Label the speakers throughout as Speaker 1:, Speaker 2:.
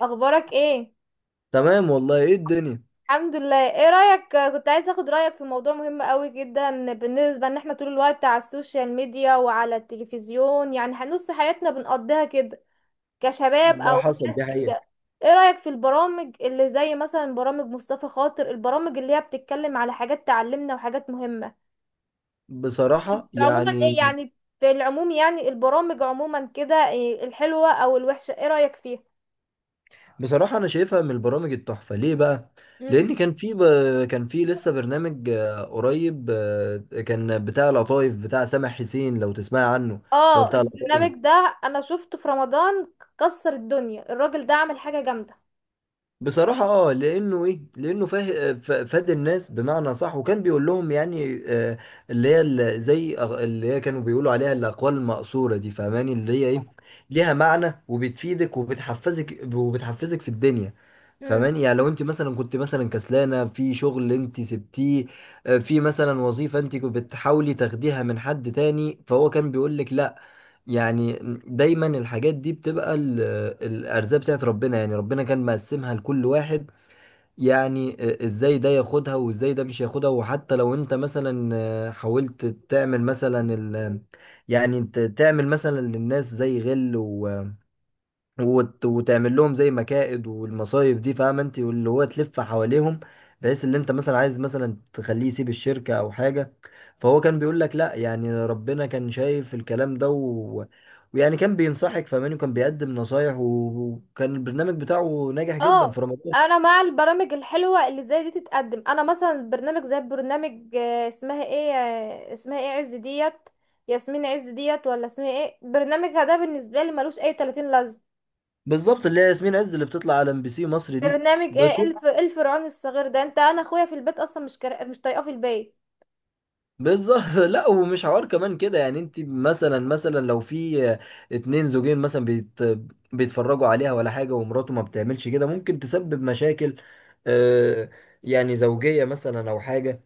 Speaker 1: اخبارك ايه؟
Speaker 2: تمام والله. ايه الدنيا؟
Speaker 1: الحمد لله. ايه رايك، كنت عايزه اخد رايك في موضوع مهم قوي جدا بالنسبه ان احنا طول الوقت على السوشيال ميديا وعلى التلفزيون، يعني نص حياتنا بنقضيها كده كشباب
Speaker 2: ده
Speaker 1: او
Speaker 2: حصل،
Speaker 1: ولاد
Speaker 2: دي حقيقة.
Speaker 1: كده. ايه رايك في البرامج اللي زي مثلا برامج مصطفى خاطر، البرامج اللي هي بتتكلم على حاجات تعلمنا وحاجات مهمه؟
Speaker 2: بصراحة
Speaker 1: عموما ايه يعني؟ في العموم يعني البرامج عموما كده، إيه الحلوه او الوحشه، ايه رايك فيها؟
Speaker 2: بصراحة أنا شايفها من البرامج التحفة. ليه بقى؟ لأن كان في لسه برنامج قريب، كان بتاع القطايف، بتاع سامح حسين، لو تسمع عنه، اللي هو
Speaker 1: اه،
Speaker 2: بتاع القطايف.
Speaker 1: البرنامج ده انا شفته في رمضان، كسر الدنيا الراجل ده، عمل حاجة جامدة.
Speaker 2: بصراحة اه، لأنه ايه لأنه فاه ف- فاد الناس بمعنى صح، وكان بيقول لهم اللي هي ال- زي أغ- اللي هي كانوا بيقولوا عليها الأقوال المأثورة دي، فاهماني؟ اللي هي ايه، ليها معنى وبتفيدك وبتحفزك في الدنيا.
Speaker 1: امم
Speaker 2: فاهماني؟ يعني لو انت كنت مثلا كسلانة في شغل انت سبتيه، في مثلا وظيفة انت كنت بتحاولي تاخديها من حد تاني، فهو كان بيقول لك لا. يعني دايما الحاجات دي بتبقى الارزاق بتاعت ربنا، يعني ربنا كان مقسمها لكل واحد. يعني ازاي ده ياخدها وازاي ده مش ياخدها. وحتى لو انت مثلا حاولت تعمل مثلا ال، يعني انت تعمل مثلا للناس زي غل وتعمل لهم زي مكائد والمصايب دي، فاهم انت؟ واللي هو تلف حواليهم، بحيث اللي انت مثلا عايز مثلا تخليه يسيب الشركة او حاجة، فهو كان بيقول لك لا. يعني ربنا كان شايف الكلام ده، ويعني كان بينصحك، فاهماني؟ وكان بيقدم نصايح، وكان البرنامج بتاعه ناجح جدا في
Speaker 1: اه،
Speaker 2: رمضان.
Speaker 1: انا مع البرامج الحلوة اللي زي دي تتقدم. انا مثلا برنامج زي برنامج اسمها ايه، اسمها ايه عز ديت، ياسمين عز ديت، ولا اسمها ايه، برنامجها ده بالنسبة لي ملوش اي 30 لازمة.
Speaker 2: بالظبط، اللي هي ياسمين عز، اللي بتطلع على ام بي سي مصر دي.
Speaker 1: برنامج ايه الف الفرعون الصغير ده؟ انت انا اخويا في البيت اصلا مش طايقاه في البيت.
Speaker 2: بالظبط لا، ومش حوار كمان كده. يعني انت مثلا لو في اتنين زوجين مثلا، بيت بيتفرجوا عليها ولا حاجة، ومراته ما بتعملش كده، ممكن تسبب مشاكل، آه، يعني زوجية مثلا او حاجة.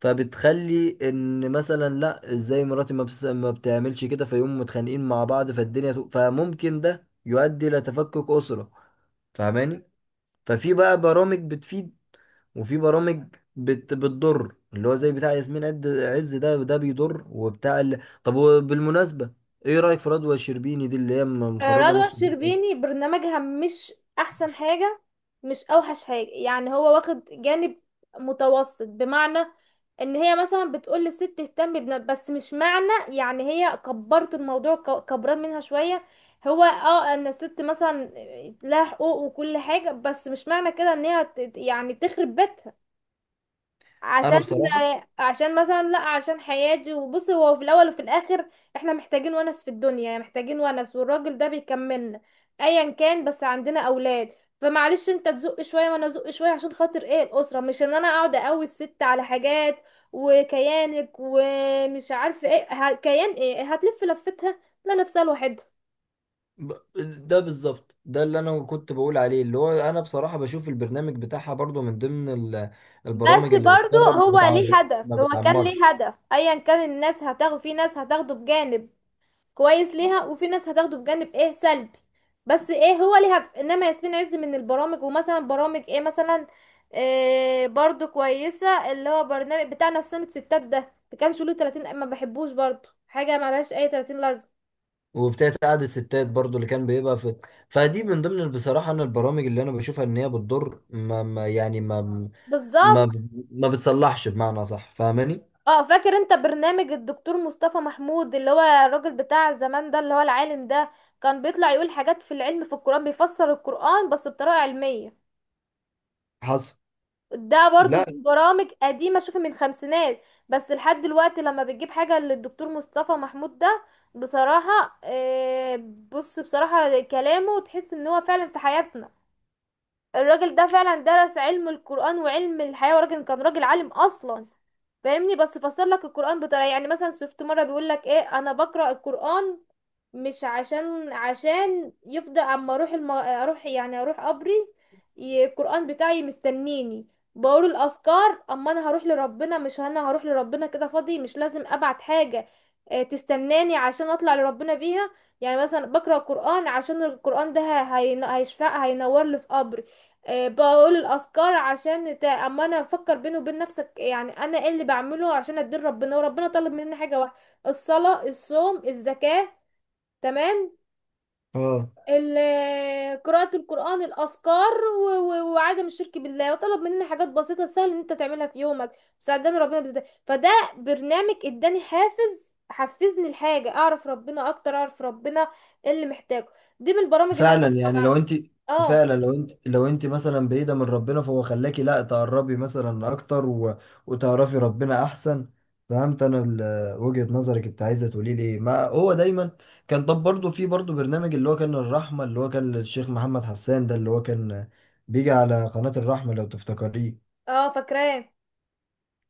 Speaker 2: فبتخلي ان مثلا لا، ازاي مراتي ما بتعملش كده، فيقوموا متخانقين مع بعض، فالدنيا فممكن ده يؤدي الى تفكك أسرة. فاهماني؟ ففي بقى برامج بتفيد، وفي برامج بتضر، اللي هو زي بتاع ياسمين عز ده، بيضر، وبتاع طب، وبالمناسبة، ايه رأيك في رضوى الشربيني دي، اللي هي مخربة
Speaker 1: رضوى
Speaker 2: نص الدنيا
Speaker 1: الشربيني
Speaker 2: أصلاً؟
Speaker 1: برنامجها مش احسن حاجة، مش اوحش حاجة، يعني هو واخد جانب متوسط، بمعنى ان هي مثلا بتقول للست اهتم بنا، بس مش معنى يعني هي كبرت الموضوع، كبران منها شوية. هو اه ان الست مثلا لها حقوق وكل حاجة، بس مش معنى كده ان هي يعني تخرب بيتها
Speaker 2: انا
Speaker 1: عشان
Speaker 2: بصراحة
Speaker 1: عشان مثلا لا، عشان حياتي. وبصي هو في الاول وفي الاخر احنا محتاجين ونس في الدنيا، يعني محتاجين ونس، والراجل ده بيكملنا ايا كان، بس عندنا اولاد، فمعلش انت تزق شويه وانا ازق شويه عشان خاطر ايه الاسره، مش ان انا اقعد اقوي الست على حاجات وكيانك ومش عارف ايه، كيان ايه هتلف لفتها، لا نفسها لوحدها.
Speaker 2: ب... ده بالظبط، ده اللي انا كنت بقول عليه. اللي هو انا بصراحة بشوف البرنامج بتاعها برضو من ضمن ال... البرامج
Speaker 1: بس
Speaker 2: اللي
Speaker 1: برضو
Speaker 2: بتقرب ما
Speaker 1: هو
Speaker 2: بتعمر،
Speaker 1: ليه
Speaker 2: ما
Speaker 1: هدف، هو كان ليه
Speaker 2: بتعمرش.
Speaker 1: هدف ايا كان، الناس هتاخد، في ناس هتاخده بجانب كويس ليها، وفي ناس هتاخده بجانب ايه سلبي، بس ايه هو ليه هدف. انما ياسمين عز من البرامج، ومثلا برامج ايه مثلا إيه برضو كويسة، اللي هو برنامج بتاع نفسانة ستات ده، ما كانش له 30، ما بحبوش برضو، حاجة ملهاش اي 30 لازمة.
Speaker 2: وبتاعت قعدة ستات برضو اللي كان بيبقى في. فدي من ضمن، بصراحة انا، البرامج اللي انا بشوفها ان هي بتضر، ما... ما يعني ما ما
Speaker 1: بالظبط.
Speaker 2: ب... ما بتصلحش بمعنى صح. فاهماني؟
Speaker 1: اه، فاكر انت برنامج الدكتور مصطفى محمود اللي هو الراجل بتاع زمان ده، اللي هو العالم ده، كان بيطلع يقول حاجات في العلم في القرآن، بيفسر القرآن بس بطريقة علمية.
Speaker 2: حصل.
Speaker 1: ده برضو
Speaker 2: لا.
Speaker 1: من برامج قديمة، شوفي من خمسينات. بس لحد دلوقتي لما بتجيب حاجة للدكتور مصطفى محمود ده بصراحة، بص بصراحة كلامه تحس ان هو فعلا في حياتنا. الراجل ده فعلا درس علم القرآن وعلم الحياة، وراجل كان راجل عالم اصلا، فاهمني؟ بس فسر لك القرآن بطريقة، يعني مثلا شفت مرة بيقول لك ايه، انا بقرأ القرآن مش عشان، عشان يفضل اما اروح، اروح يعني اروح قبري، القرآن بتاعي مستنيني. بقول الاذكار اما انا هروح لربنا، مش انا هروح لربنا كده فاضي، مش لازم ابعت حاجة، تستناني عشان اطلع لربنا بيها. يعني مثلا بقرأ القرآن عشان القرآن ده هيشفع هينور لي في قبري. بقول الاذكار عشان اما انا افكر بيني وبين نفسك، يعني انا ايه اللي بعمله عشان ادين ربنا. وربنا طلب مني حاجة واحدة: الصلاة، الصوم، الزكاة، تمام،
Speaker 2: اه.
Speaker 1: قراءة القرآن، الأذكار، وعدم الشرك بالله. وطلب مننا حاجات بسيطة سهل إن أنت تعملها في يومك. ساعدني ربنا بزده، فده برنامج اداني حافز، حفزني الحاجة أعرف ربنا أكتر، أعرف ربنا إيه اللي محتاجه. دي من البرامج اللي أنا
Speaker 2: فعلا يعني لو
Speaker 1: بتابعها.
Speaker 2: انت،
Speaker 1: اه.
Speaker 2: فعلا لو انت مثلا بعيده من ربنا، فهو خلاكي لا تقربي مثلا اكتر، وتعرفي ربنا احسن. فهمت انا وجهه نظرك، انت عايزه تقولي لي إيه. ما هو دايما كان. طب برضه في برضه برنامج اللي هو كان الرحمه، اللي هو كان للشيخ محمد حسان ده، اللي هو كان بيجي على قناه الرحمه، لو تفتكريه.
Speaker 1: اه، فاكراه.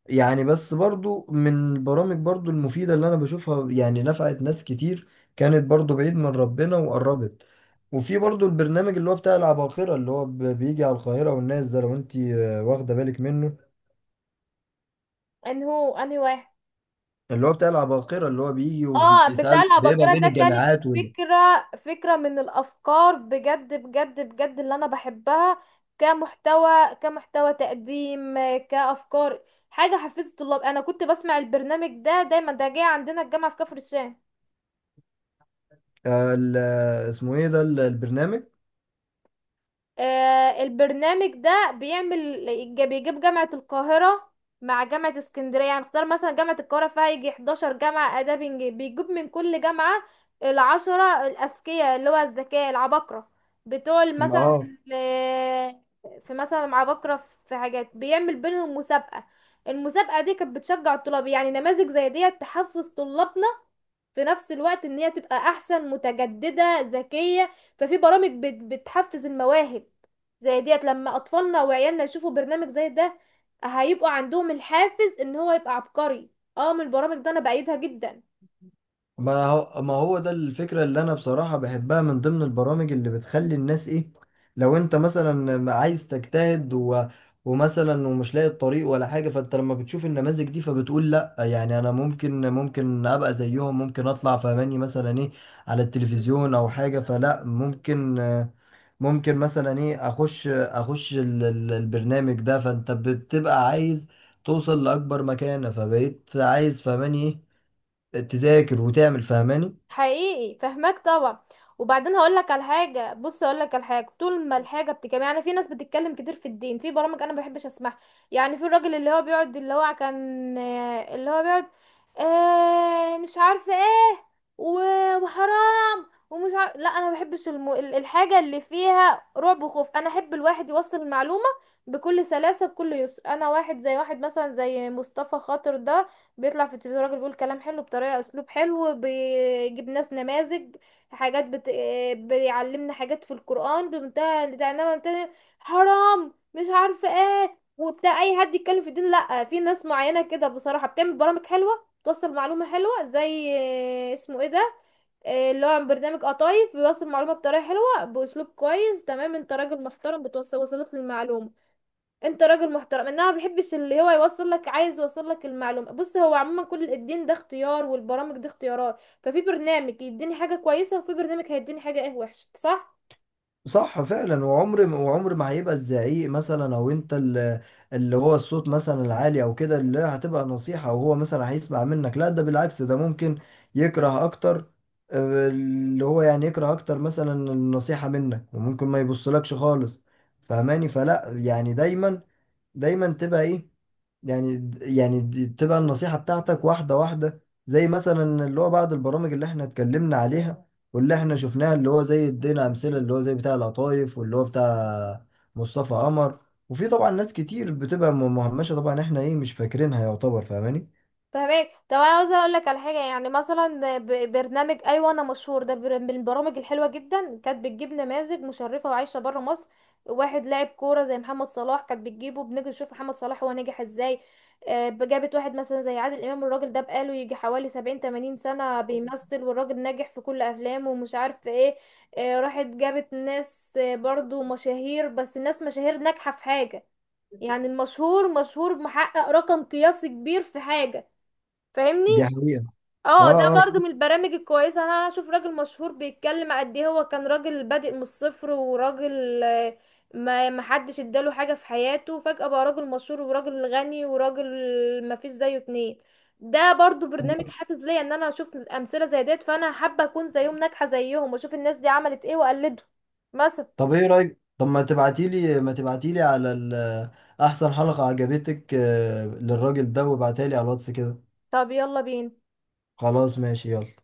Speaker 2: يعني بس برضو من البرامج برضو المفيدة اللي أنا بشوفها، يعني نفعت ناس كتير كانت برضو بعيد من ربنا وقربت. وفي برضو البرنامج اللي هو بتاع العباقرة، اللي هو بيجي على القاهرة والناس ده، لو أنت واخدة بالك منه،
Speaker 1: أنهي واحد؟
Speaker 2: اللي هو بتاع العباقرة، اللي هو بيجي
Speaker 1: اه، بتاع
Speaker 2: وبيسأله، بيبقى
Speaker 1: العباقرة
Speaker 2: بين
Speaker 1: ده كانت
Speaker 2: الجامعات وال،
Speaker 1: فكرة، فكرة من الافكار بجد بجد بجد اللي انا بحبها، كمحتوى، كمحتوى تقديم، كافكار، حاجة حفزت الطلاب. انا كنت بسمع البرنامج ده دايما، ده جاي عندنا الجامعة في كفر الشام.
Speaker 2: اسمه إيه ده البرنامج؟
Speaker 1: البرنامج ده بيعمل، بيجيب جامعة القاهرة مع جامعة اسكندرية، يعني اختار مثلا جامعة القاهرة فيها يجي 11 جامعة آداب إنجليزي، بيجيب من كل جامعة العشرة الأذكياء اللي هو الذكاء، العباقرة بتوع مثلا
Speaker 2: آه.
Speaker 1: ال- في مثلا عباقرة في حاجات، بيعمل بينهم مسابقة. المسابقة دي كانت بتشجع الطلاب، يعني نماذج زي ديت تحفز طلابنا في نفس الوقت ان هي تبقى احسن، متجددة، ذكية. ففي برامج بتحفز المواهب زي ديت، لما اطفالنا وعيالنا يشوفوا برنامج زي ده هيبقوا عندهم الحافز ان هو يبقى عبقري. اه، من البرامج ده انا بأيدها جدا.
Speaker 2: ما هو، ما هو ده الفكرة اللي أنا بصراحة بحبها، من ضمن البرامج اللي بتخلي الناس إيه، لو أنت مثلا عايز تجتهد ومثلا ومش لاقي الطريق ولا حاجة، فأنت لما بتشوف النماذج دي فبتقول لأ، يعني أنا ممكن أبقى زيهم، ممكن أطلع فماني مثلا إيه، على التلفزيون أو حاجة. فلأ، ممكن مثلا إيه أخش، البرنامج ده. فأنت بتبقى عايز توصل لأكبر مكانة، فبقيت عايز فماني إيه تذاكر وتعمل. فهماني؟
Speaker 1: حقيقي فهماك طبعا. وبعدين هقول لك على حاجه، بص هقول لك على حاجه، طول ما الحاجه بتتكلم، يعني في ناس بتتكلم كتير في الدين في برامج انا ما بحبش اسمعها، يعني في الراجل اللي هو بيقعد اللي هو كان اللي هو بيقعد آه مش عارفه ايه، وحرام ومش عارف، لا انا ما بحبش الحاجه اللي فيها رعب وخوف. انا احب الواحد يوصل المعلومه بكل سلاسه بكل يسر. انا واحد زي واحد مثلا زي مصطفى خاطر ده، بيطلع في التلفزيون راجل بيقول كلام حلو بطريقة، اسلوب حلو، بيجيب ناس نماذج، حاجات بت... بيعلمنا حاجات في القرآن بمنتهى بتاع، انما تاني حرام مش عارفة ايه وبتاع اي حد يتكلم في الدين. لا، في ناس معينة كده بصراحة بتعمل برامج حلوة، توصل معلومة حلوة زي اسمه ايه ده إيه اللي هو برنامج قطايف، بيوصل معلومة بطريقة حلوة بأسلوب كويس. تمام، انت راجل محترم بتوصل، وصلت للمعلومة. انت راجل محترم، انها ما بيحبش اللي هو يوصل لك، عايز يوصل لك المعلومه. بص هو عموما كل الدين ده اختيار، والبرامج دي اختيارات، ففي برنامج يديني حاجه كويسه وفي برنامج هيديني حاجه ايه وحشه، صح؟
Speaker 2: صح فعلا. وعمر ما هيبقى الزعيق مثلا او انت اللي، اللي هو الصوت مثلا العالي او كده، اللي هتبقى نصيحة، او هو مثلا هيسمع منك. لا، ده بالعكس، ده ممكن يكره اكتر، اللي هو يعني يكره اكتر مثلا النصيحة منك، وممكن ما يبصلكش خالص. فهماني؟ فلا، يعني دايما تبقى ايه، يعني يعني دي تبقى النصيحة بتاعتك واحدة واحدة. زي مثلا اللي هو بعض البرامج اللي احنا اتكلمنا عليها واللي احنا شفناها، اللي هو زي ادينا أمثلة، اللي هو زي بتاع القطايف واللي هو بتاع مصطفى قمر. وفي طبعا ناس كتير بتبقى مهمشة طبعا، احنا ايه مش فاكرينها يعتبر. فاهماني؟
Speaker 1: فهمك. طب انا عاوزه اقول لك على حاجه، يعني مثلا برنامج ايوه انا مشهور ده، من البرامج الحلوه جدا، كانت بتجيب نماذج مشرفه وعايشه بره مصر. واحد لاعب كوره زي محمد صلاح كانت بتجيبه، بنيجي نشوف محمد صلاح هو نجح ازاي. جابت واحد مثلا زي عادل امام، الراجل ده بقاله يجي حوالي 70-80 سنه بيمثل، والراجل ناجح في كل افلامه ومش عارف ايه. راحت جابت ناس برضو مشاهير، بس الناس مشاهير ناجحه في حاجه، يعني المشهور مشهور محقق رقم قياسي كبير في حاجه، فاهمني؟
Speaker 2: دي حقيقة.
Speaker 1: اه، ده
Speaker 2: اه. اه.
Speaker 1: برضو من البرامج الكويسه. أنا اشوف راجل مشهور بيتكلم قد ايه هو كان راجل بادئ من الصفر، وراجل ما ما حدش اداله حاجه في حياته، فجاه بقى راجل مشهور وراجل غني وراجل ما فيش زيه اتنين. ده برضو برنامج
Speaker 2: آه.
Speaker 1: حافز ليا، ان انا اشوف امثله زي ديت، فانا حابه اكون زيهم، ناجحه زيهم، واشوف الناس دي عملت ايه واقلده مثلا.
Speaker 2: طب ايه رأيك، طب ما تبعتيلي ما تبعتيلي على احسن حلقة عجبتك، للراجل ده، وابعتها لي على الواتس كده.
Speaker 1: طب يلا بينا.
Speaker 2: خلاص ماشي، يلا.